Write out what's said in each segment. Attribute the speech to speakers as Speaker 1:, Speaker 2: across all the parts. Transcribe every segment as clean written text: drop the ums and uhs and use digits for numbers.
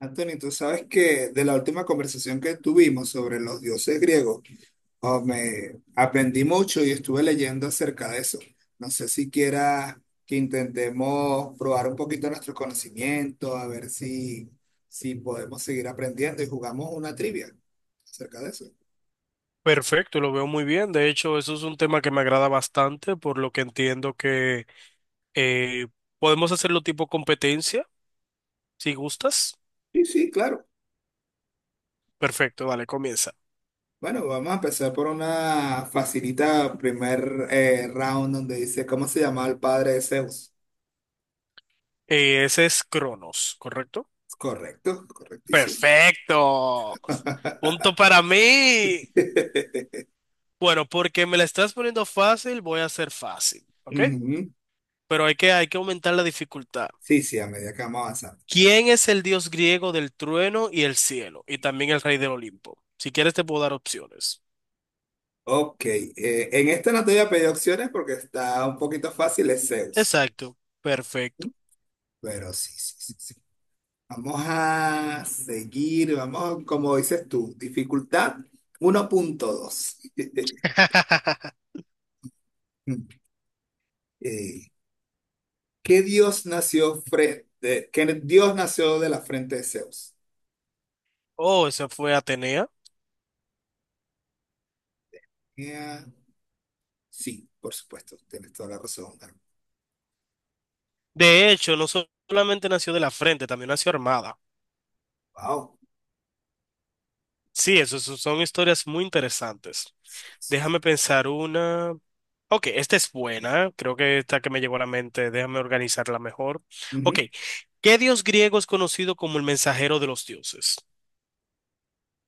Speaker 1: Anthony, tú sabes que de la última conversación que tuvimos sobre los dioses griegos, oh, me aprendí mucho y estuve leyendo acerca de eso. No sé si quieras que intentemos probar un poquito nuestro conocimiento, a ver si podemos seguir aprendiendo y jugamos una trivia acerca de eso.
Speaker 2: Perfecto, lo veo muy bien. De hecho, eso es un tema que me agrada bastante, por lo que entiendo que eh, podemos hacerlo tipo competencia, si gustas.
Speaker 1: Sí, sí, claro.
Speaker 2: Perfecto, dale, comienza.
Speaker 1: Bueno, vamos a empezar por una facilita primer round donde dice, ¿cómo se llamaba el padre de Zeus?
Speaker 2: Ese es Cronos, ¿correcto?
Speaker 1: Correcto, correctísimo.
Speaker 2: Perfecto. Punto para mí. Bueno, porque me la estás poniendo fácil, voy a hacer fácil, ¿ok?
Speaker 1: Ujú.
Speaker 2: Pero hay que aumentar la dificultad.
Speaker 1: Sí, sí, a medida que vamos avanzando.
Speaker 2: ¿Quién es el dios griego del trueno y el cielo? Y también el rey del Olimpo. Si quieres, te puedo dar opciones.
Speaker 1: Ok, en esta no te voy a pedir opciones porque está un poquito fácil, es Zeus.
Speaker 2: Exacto, perfecto.
Speaker 1: Pero sí, sí, sí, sí. Vamos a seguir, vamos, como dices tú, dificultad 1.2. Eh, ¿qué dios nació frente, qué dios nació de la frente de Zeus?
Speaker 2: Oh, esa fue Atenea.
Speaker 1: Eh, sí, por supuesto, tienes toda la razón.
Speaker 2: De hecho, no so- solamente nació de la frente, también nació armada.
Speaker 1: Wow.
Speaker 2: Sí, eso son historias muy interesantes. Déjame pensar una. Ok, esta es buena. Creo que esta que me llegó a la mente. Déjame organizarla mejor. Ok, ¿qué dios griego es conocido como el mensajero de los dioses?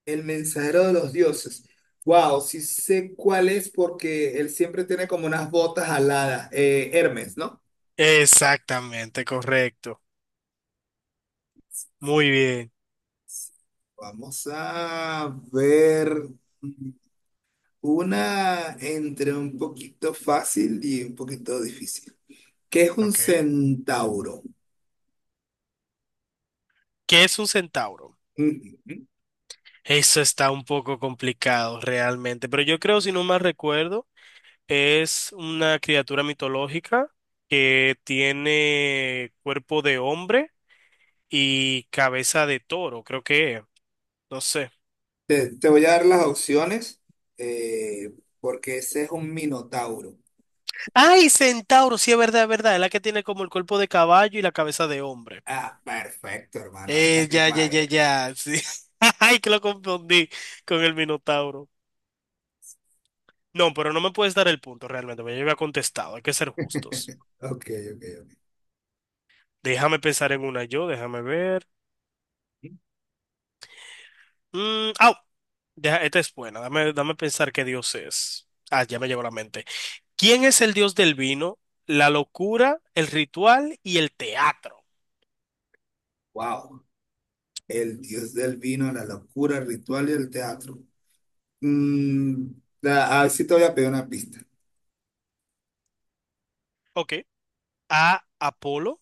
Speaker 1: El mensajero de los dioses. Wow, sí sé cuál es porque él siempre tiene como unas botas aladas. Hermes, ¿no?
Speaker 2: Exactamente, correcto. Muy bien.
Speaker 1: Vamos a ver una entre un poquito fácil y un poquito difícil. ¿Qué es un
Speaker 2: Ok.
Speaker 1: centauro?
Speaker 2: ¿Qué es un centauro?
Speaker 1: Mm,
Speaker 2: Eso está un poco complicado realmente, pero yo creo, si no mal recuerdo, es una criatura mitológica que tiene cuerpo de hombre y cabeza de toro, creo que es. No sé.
Speaker 1: te voy a dar las opciones eh, porque ese es un minotauro.
Speaker 2: ¡Ay, centauro! Sí, es verdad, es verdad. Es la que tiene como el cuerpo de caballo y la cabeza de hombre.
Speaker 1: Ah, perfecto, hermano. Esta
Speaker 2: Ya, ya,
Speaker 1: misma
Speaker 2: ya,
Speaker 1: es.
Speaker 2: ya. Sí. Ay, que lo confundí con el minotauro. No, pero no me puedes dar el punto realmente, porque yo había contestado. Hay que ser justos.
Speaker 1: Ok, ok, ok.
Speaker 2: Déjame pensar en una yo, déjame ver. Mm, au, esta es buena. Dame, dame pensar qué Dios es. Ah, ya me llegó a la mente. ¿Quién es el Dios del vino, la locura, el ritual y el teatro?
Speaker 1: Wow. El dios del vino, la locura, el ritual y el teatro. Mm, la- ah, sí te voy a pedir una pista.
Speaker 2: Ok. A. Apolo.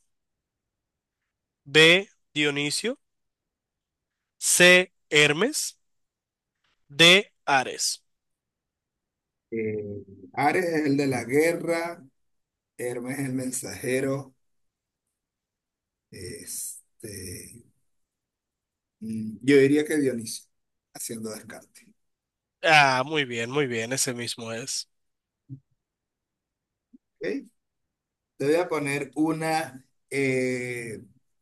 Speaker 2: B. Dionisio. C. Hermes. D. Ares.
Speaker 1: Eh, Ares es el de la guerra, Hermes es el mensajero. Este, mm, yo diría que Dionisio, haciendo descarte.
Speaker 2: Ah, muy bien, muy bien. Ese mismo es.
Speaker 1: ¿Ok? Te voy a poner una,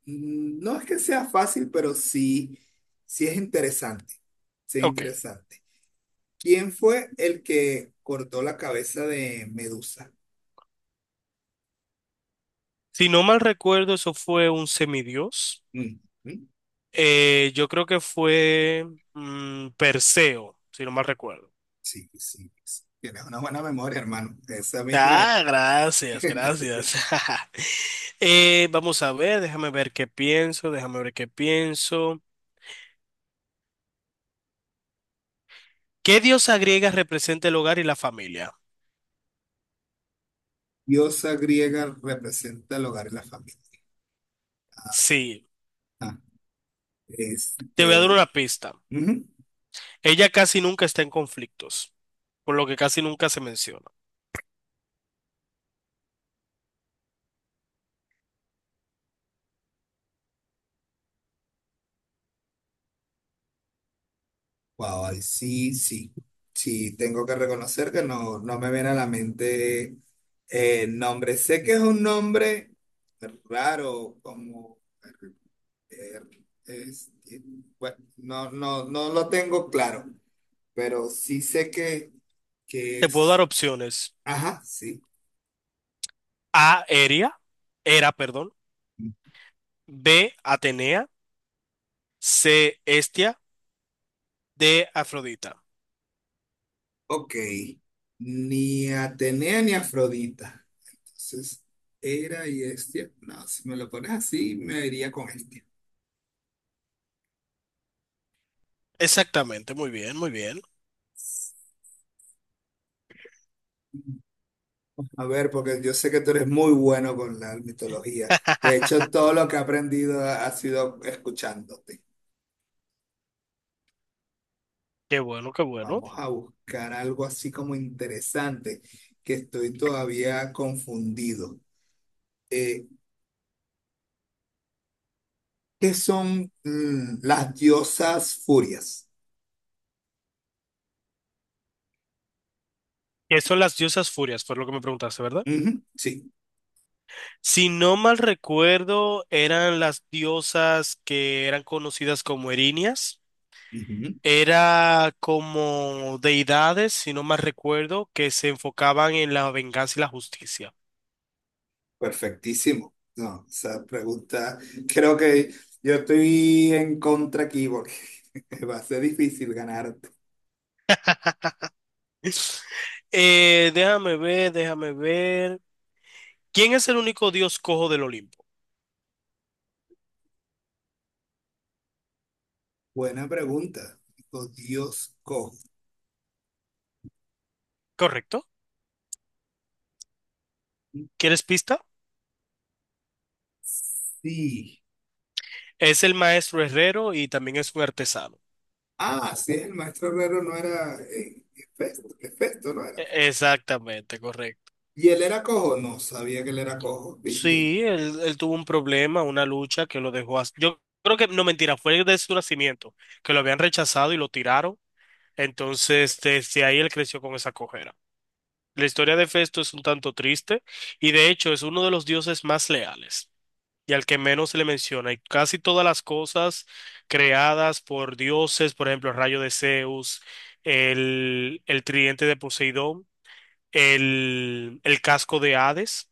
Speaker 1: mm, no es que sea fácil, pero sí, sí es interesante. Sí es
Speaker 2: Ok.
Speaker 1: interesante. ¿Quién fue el que cortó la cabeza de Medusa?
Speaker 2: Si no mal recuerdo, eso fue un semidios.
Speaker 1: Ujú.
Speaker 2: Yo creo que fue Perseo, si no mal recuerdo.
Speaker 1: Sí, sí, sí. Tienes una buena memoria, hermano. Esa misma es.
Speaker 2: Ah, gracias, gracias. Vamos a ver, déjame ver qué pienso, déjame ver qué pienso. ¿Qué diosa griega representa el hogar y la familia?
Speaker 1: Diosa griega representa el hogar y la familia.
Speaker 2: Sí,
Speaker 1: Ajá.
Speaker 2: te voy a dar
Speaker 1: Este,
Speaker 2: una pista.
Speaker 1: ujú.
Speaker 2: Ella casi nunca está en conflictos, por lo que casi nunca se menciona.
Speaker 1: Wow, ahí sí, sí. Sí, tengo que reconocer que no, no me viene a la mente el nombre. Sé que es un nombre raro, como eh, este, bueno, no, no, no lo tengo claro, pero sí sé que
Speaker 2: Te puedo dar
Speaker 1: es.
Speaker 2: opciones.
Speaker 1: Ajá, sí.
Speaker 2: A, Era, perdón. B, Atenea. C, Estia. D, Afrodita.
Speaker 1: Ok, ni Atenea ni Afrodita. Entonces, Hera y Hestia. No, si me lo pones así, me iría con Hestia.
Speaker 2: Exactamente, muy bien, muy bien.
Speaker 1: A ver, porque yo sé que tú eres muy bueno con la mitología. De hecho, todo lo que he aprendido ha sido escuchándote.
Speaker 2: Qué bueno, qué bueno.
Speaker 1: Vamos a buscar algo así como interesante, que estoy todavía confundido. Eh, ¿Qué son las diosas furias?
Speaker 2: ¿Qué son las diosas furias? Fue lo que me preguntaste, ¿verdad?
Speaker 1: Ujú, sí.
Speaker 2: Si no mal recuerdo, eran las diosas que eran conocidas como erinias.
Speaker 1: Ujú.
Speaker 2: Era como deidades, si no mal recuerdo, que se enfocaban en la venganza y la justicia.
Speaker 1: Perfectísimo. No, esa pregunta, creo que yo estoy en contra aquí porque va a ser difícil ganarte.
Speaker 2: Déjame ver, déjame ver. ¿Quién es el único dios cojo del Olimpo?
Speaker 1: Buena pregunta. Oh, Dios cojo.
Speaker 2: ¿Correcto? ¿Quieres pista?
Speaker 1: Sí.
Speaker 2: Es el maestro herrero y también es un artesano.
Speaker 1: Ah, sí, el maestro Herrero no era Hefesto, Hefesto no era.
Speaker 2: Exactamente, correcto.
Speaker 1: ¿Y él era cojo? No, sabía que él era cojo, ¿viste?
Speaker 2: Sí, él tuvo un problema, una lucha que lo dejó Yo creo que, no mentira, fue de su nacimiento, que lo habían rechazado y lo tiraron. Entonces, desde ahí él creció con esa cojera. La historia de Festo es un tanto triste y de hecho es uno de los dioses más leales y al que menos se le menciona. Y casi todas las cosas creadas por dioses, por ejemplo, el rayo de Zeus, el tridente de Poseidón, el casco de Hades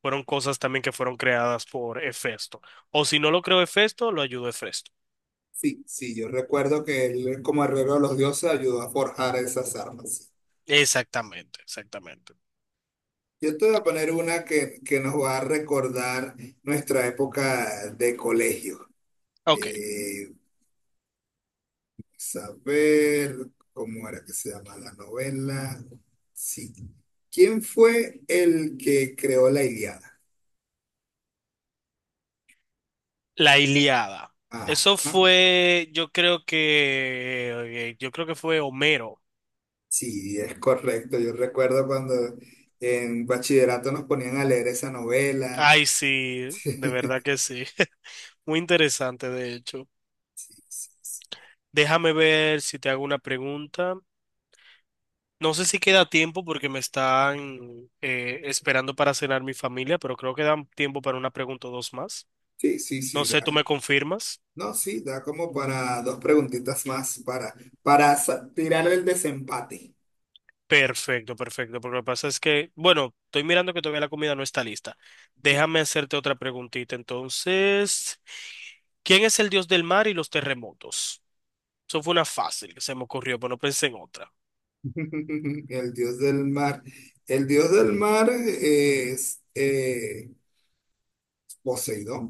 Speaker 2: fueron cosas también que fueron creadas por Hefesto. O si no lo creó Hefesto, lo ayudó Hefesto.
Speaker 1: Sí, sí, yo recuerdo que él, como Herrero de los Dioses, ayudó a forjar esas armas.
Speaker 2: Exactamente, exactamente.
Speaker 1: Yo te voy a poner una que nos va a recordar nuestra época de colegio.
Speaker 2: Ok,
Speaker 1: Eh, saber cómo era que se llama la novela. Sí. ¿Quién fue el que creó la Ilíada?
Speaker 2: la Ilíada. Eso
Speaker 1: Ajá.
Speaker 2: fue, yo creo que fue Homero.
Speaker 1: Sí, es correcto. Yo recuerdo cuando en bachillerato nos ponían a leer esa novela.
Speaker 2: Ay, sí, de verdad que sí. Muy interesante, de hecho. Déjame ver si te hago una pregunta. No sé si queda tiempo porque me están esperando para cenar mi familia, pero creo que dan tiempo para una pregunta o dos más.
Speaker 1: Sí, sí,
Speaker 2: No
Speaker 1: sí.
Speaker 2: sé, ¿tú
Speaker 1: Da,
Speaker 2: me confirmas?
Speaker 1: no, sí, da como para dos preguntitas más
Speaker 2: Ah.
Speaker 1: para sa- tirar el desempate.
Speaker 2: Perfecto, perfecto. Porque lo que pasa es que, bueno, estoy mirando que todavía la comida no está lista. Déjame hacerte otra preguntita. Entonces, ¿quién es el dios del mar y los terremotos? Eso fue una fácil que se me ocurrió, pero no pensé en otra.
Speaker 1: El dios del mar. El dios del mar es Poseidón,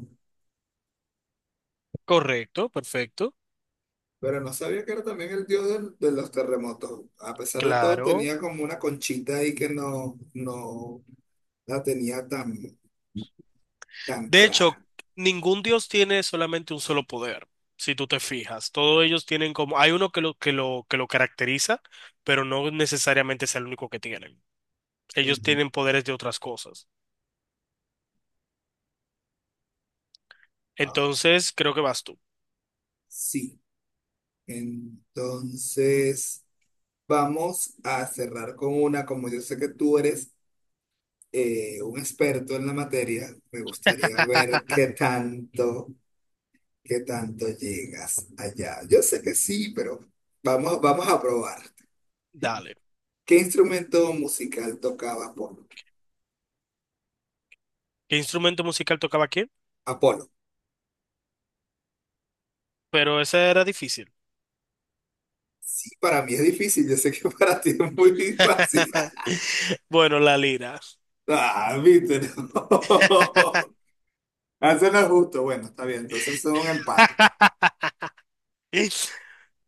Speaker 2: Correcto, perfecto.
Speaker 1: pero no sabía que era también el dios del- de los terremotos. A pesar de todo,
Speaker 2: Claro.
Speaker 1: tenía como una conchita ahí que no, no la tenía tan, tan
Speaker 2: De hecho,
Speaker 1: clara.
Speaker 2: ningún dios tiene solamente un solo poder, si tú te fijas. Todos ellos tienen como, hay uno que lo caracteriza, pero no necesariamente es el único que tienen. Ellos
Speaker 1: Ujú.
Speaker 2: tienen poderes de otras cosas.
Speaker 1: Wow.
Speaker 2: Entonces, creo que vas tú.
Speaker 1: Sí, entonces vamos a cerrar con una, como yo sé que tú eres un experto en la materia, me gustaría ver qué tanto. ¿Qué tanto llegas allá? Yo sé que sí, pero vamos, vamos a probar.
Speaker 2: Dale.
Speaker 1: ¿Qué instrumento musical tocaba Apolo?
Speaker 2: ¿Qué instrumento musical tocaba quién?
Speaker 1: Apolo.
Speaker 2: Pero ese era difícil.
Speaker 1: Sí, para mí es difícil, yo sé que para ti es muy fácil.
Speaker 2: Bueno, la lira.
Speaker 1: Ah, viste, no. Eso no es justo. Bueno, está bien, entonces es un empate.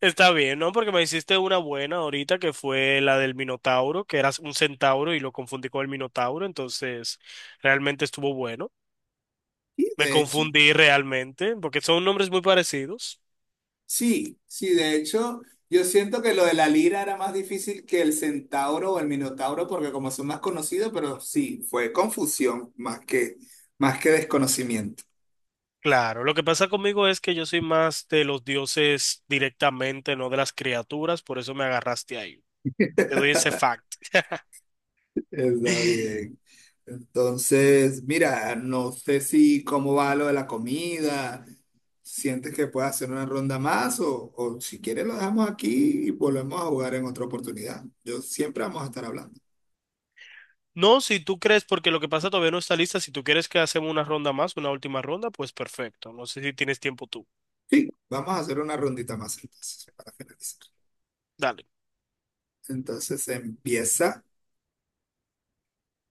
Speaker 2: Está bien, ¿no? Porque me hiciste una buena ahorita que fue la del Minotauro, que eras un centauro y lo confundí con el Minotauro, entonces realmente estuvo bueno.
Speaker 1: Y
Speaker 2: Me
Speaker 1: de hecho,
Speaker 2: confundí realmente, porque son nombres muy parecidos.
Speaker 1: sí, sí, de hecho, yo siento que lo de la lira era más difícil que el centauro o el minotauro, porque como son más conocidos, pero sí, fue confusión más más que desconocimiento.
Speaker 2: Claro, lo que pasa conmigo es que yo soy más de los dioses directamente, no de las criaturas, por eso me agarraste ahí. Te doy ese fact.
Speaker 1: Está bien. Entonces, mira, no sé si cómo va lo de la comida. ¿Sientes que puedes hacer una ronda más? O si quieres lo dejamos aquí y volvemos a jugar en otra oportunidad. Yo siempre vamos a estar hablando.
Speaker 2: No, si tú crees, porque lo que pasa todavía no está lista, si tú quieres que hacemos una ronda más, una última ronda, pues perfecto. No sé si tienes tiempo tú.
Speaker 1: Sí, vamos a hacer una rondita más entonces para finalizar.
Speaker 2: Dale.
Speaker 1: Entonces empieza.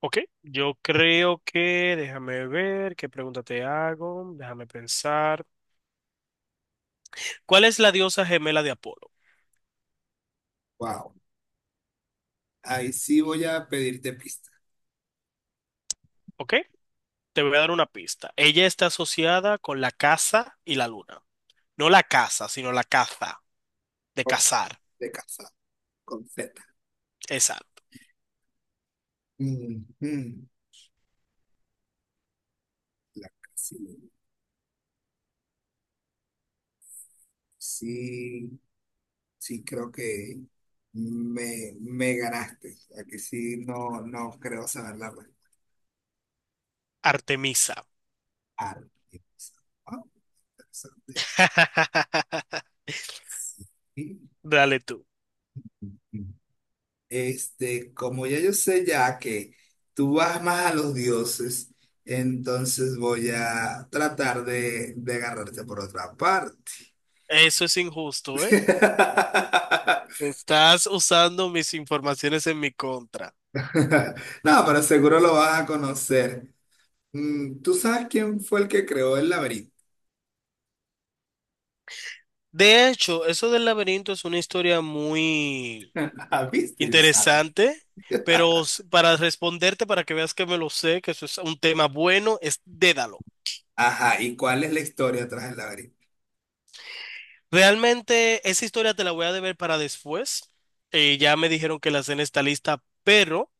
Speaker 2: Ok, yo creo que, déjame ver, qué pregunta te hago, déjame pensar. ¿Cuál es la diosa gemela de Apolo?
Speaker 1: Wow. Ahí sí voy a pedirte pista.
Speaker 2: Ok, te voy a dar una pista. Ella está asociada con la caza y la luna. No la caza, sino la caza, de
Speaker 1: Oh,
Speaker 2: cazar.
Speaker 1: de casa, con Z.
Speaker 2: Esa,
Speaker 1: Ujú, la casilla. Sí. Sí, creo que me ganaste. Aquí sí no, no creo saber la respuesta.
Speaker 2: Artemisa.
Speaker 1: Arte. Ah, interesante. Sí.
Speaker 2: Dale tú.
Speaker 1: Como ya yo sé ya que tú vas más a los dioses, entonces voy a tratar de agarrarte por otra parte.
Speaker 2: Eso es injusto, ¿eh? Estás usando mis informaciones en mi contra.
Speaker 1: No, pero seguro lo vas a conocer. Mm, ¿tú sabes quién fue el que creó el laberinto?
Speaker 2: De hecho, eso del laberinto es una historia muy...
Speaker 1: ¿Viste? Yo sabía.
Speaker 2: Interesante, pero para responderte, para que veas que me lo sé, que eso es un tema bueno, es Dédalo.
Speaker 1: Ajá, ¿y cuál es la historia tras el laberinto?
Speaker 2: Realmente esa historia te la voy a deber para después. Ya me dijeron que la cena está lista, pero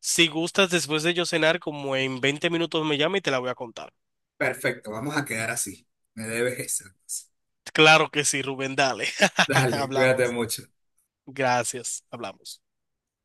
Speaker 2: si gustas después de yo cenar, como en 20 minutos me llama y te la voy a contar.
Speaker 1: Perfecto, vamos a quedar así. Me debes esa, pues.
Speaker 2: Claro que sí, Rubén, dale.
Speaker 1: Dale, cuídate
Speaker 2: Hablamos.
Speaker 1: mucho.
Speaker 2: Gracias, hablamos.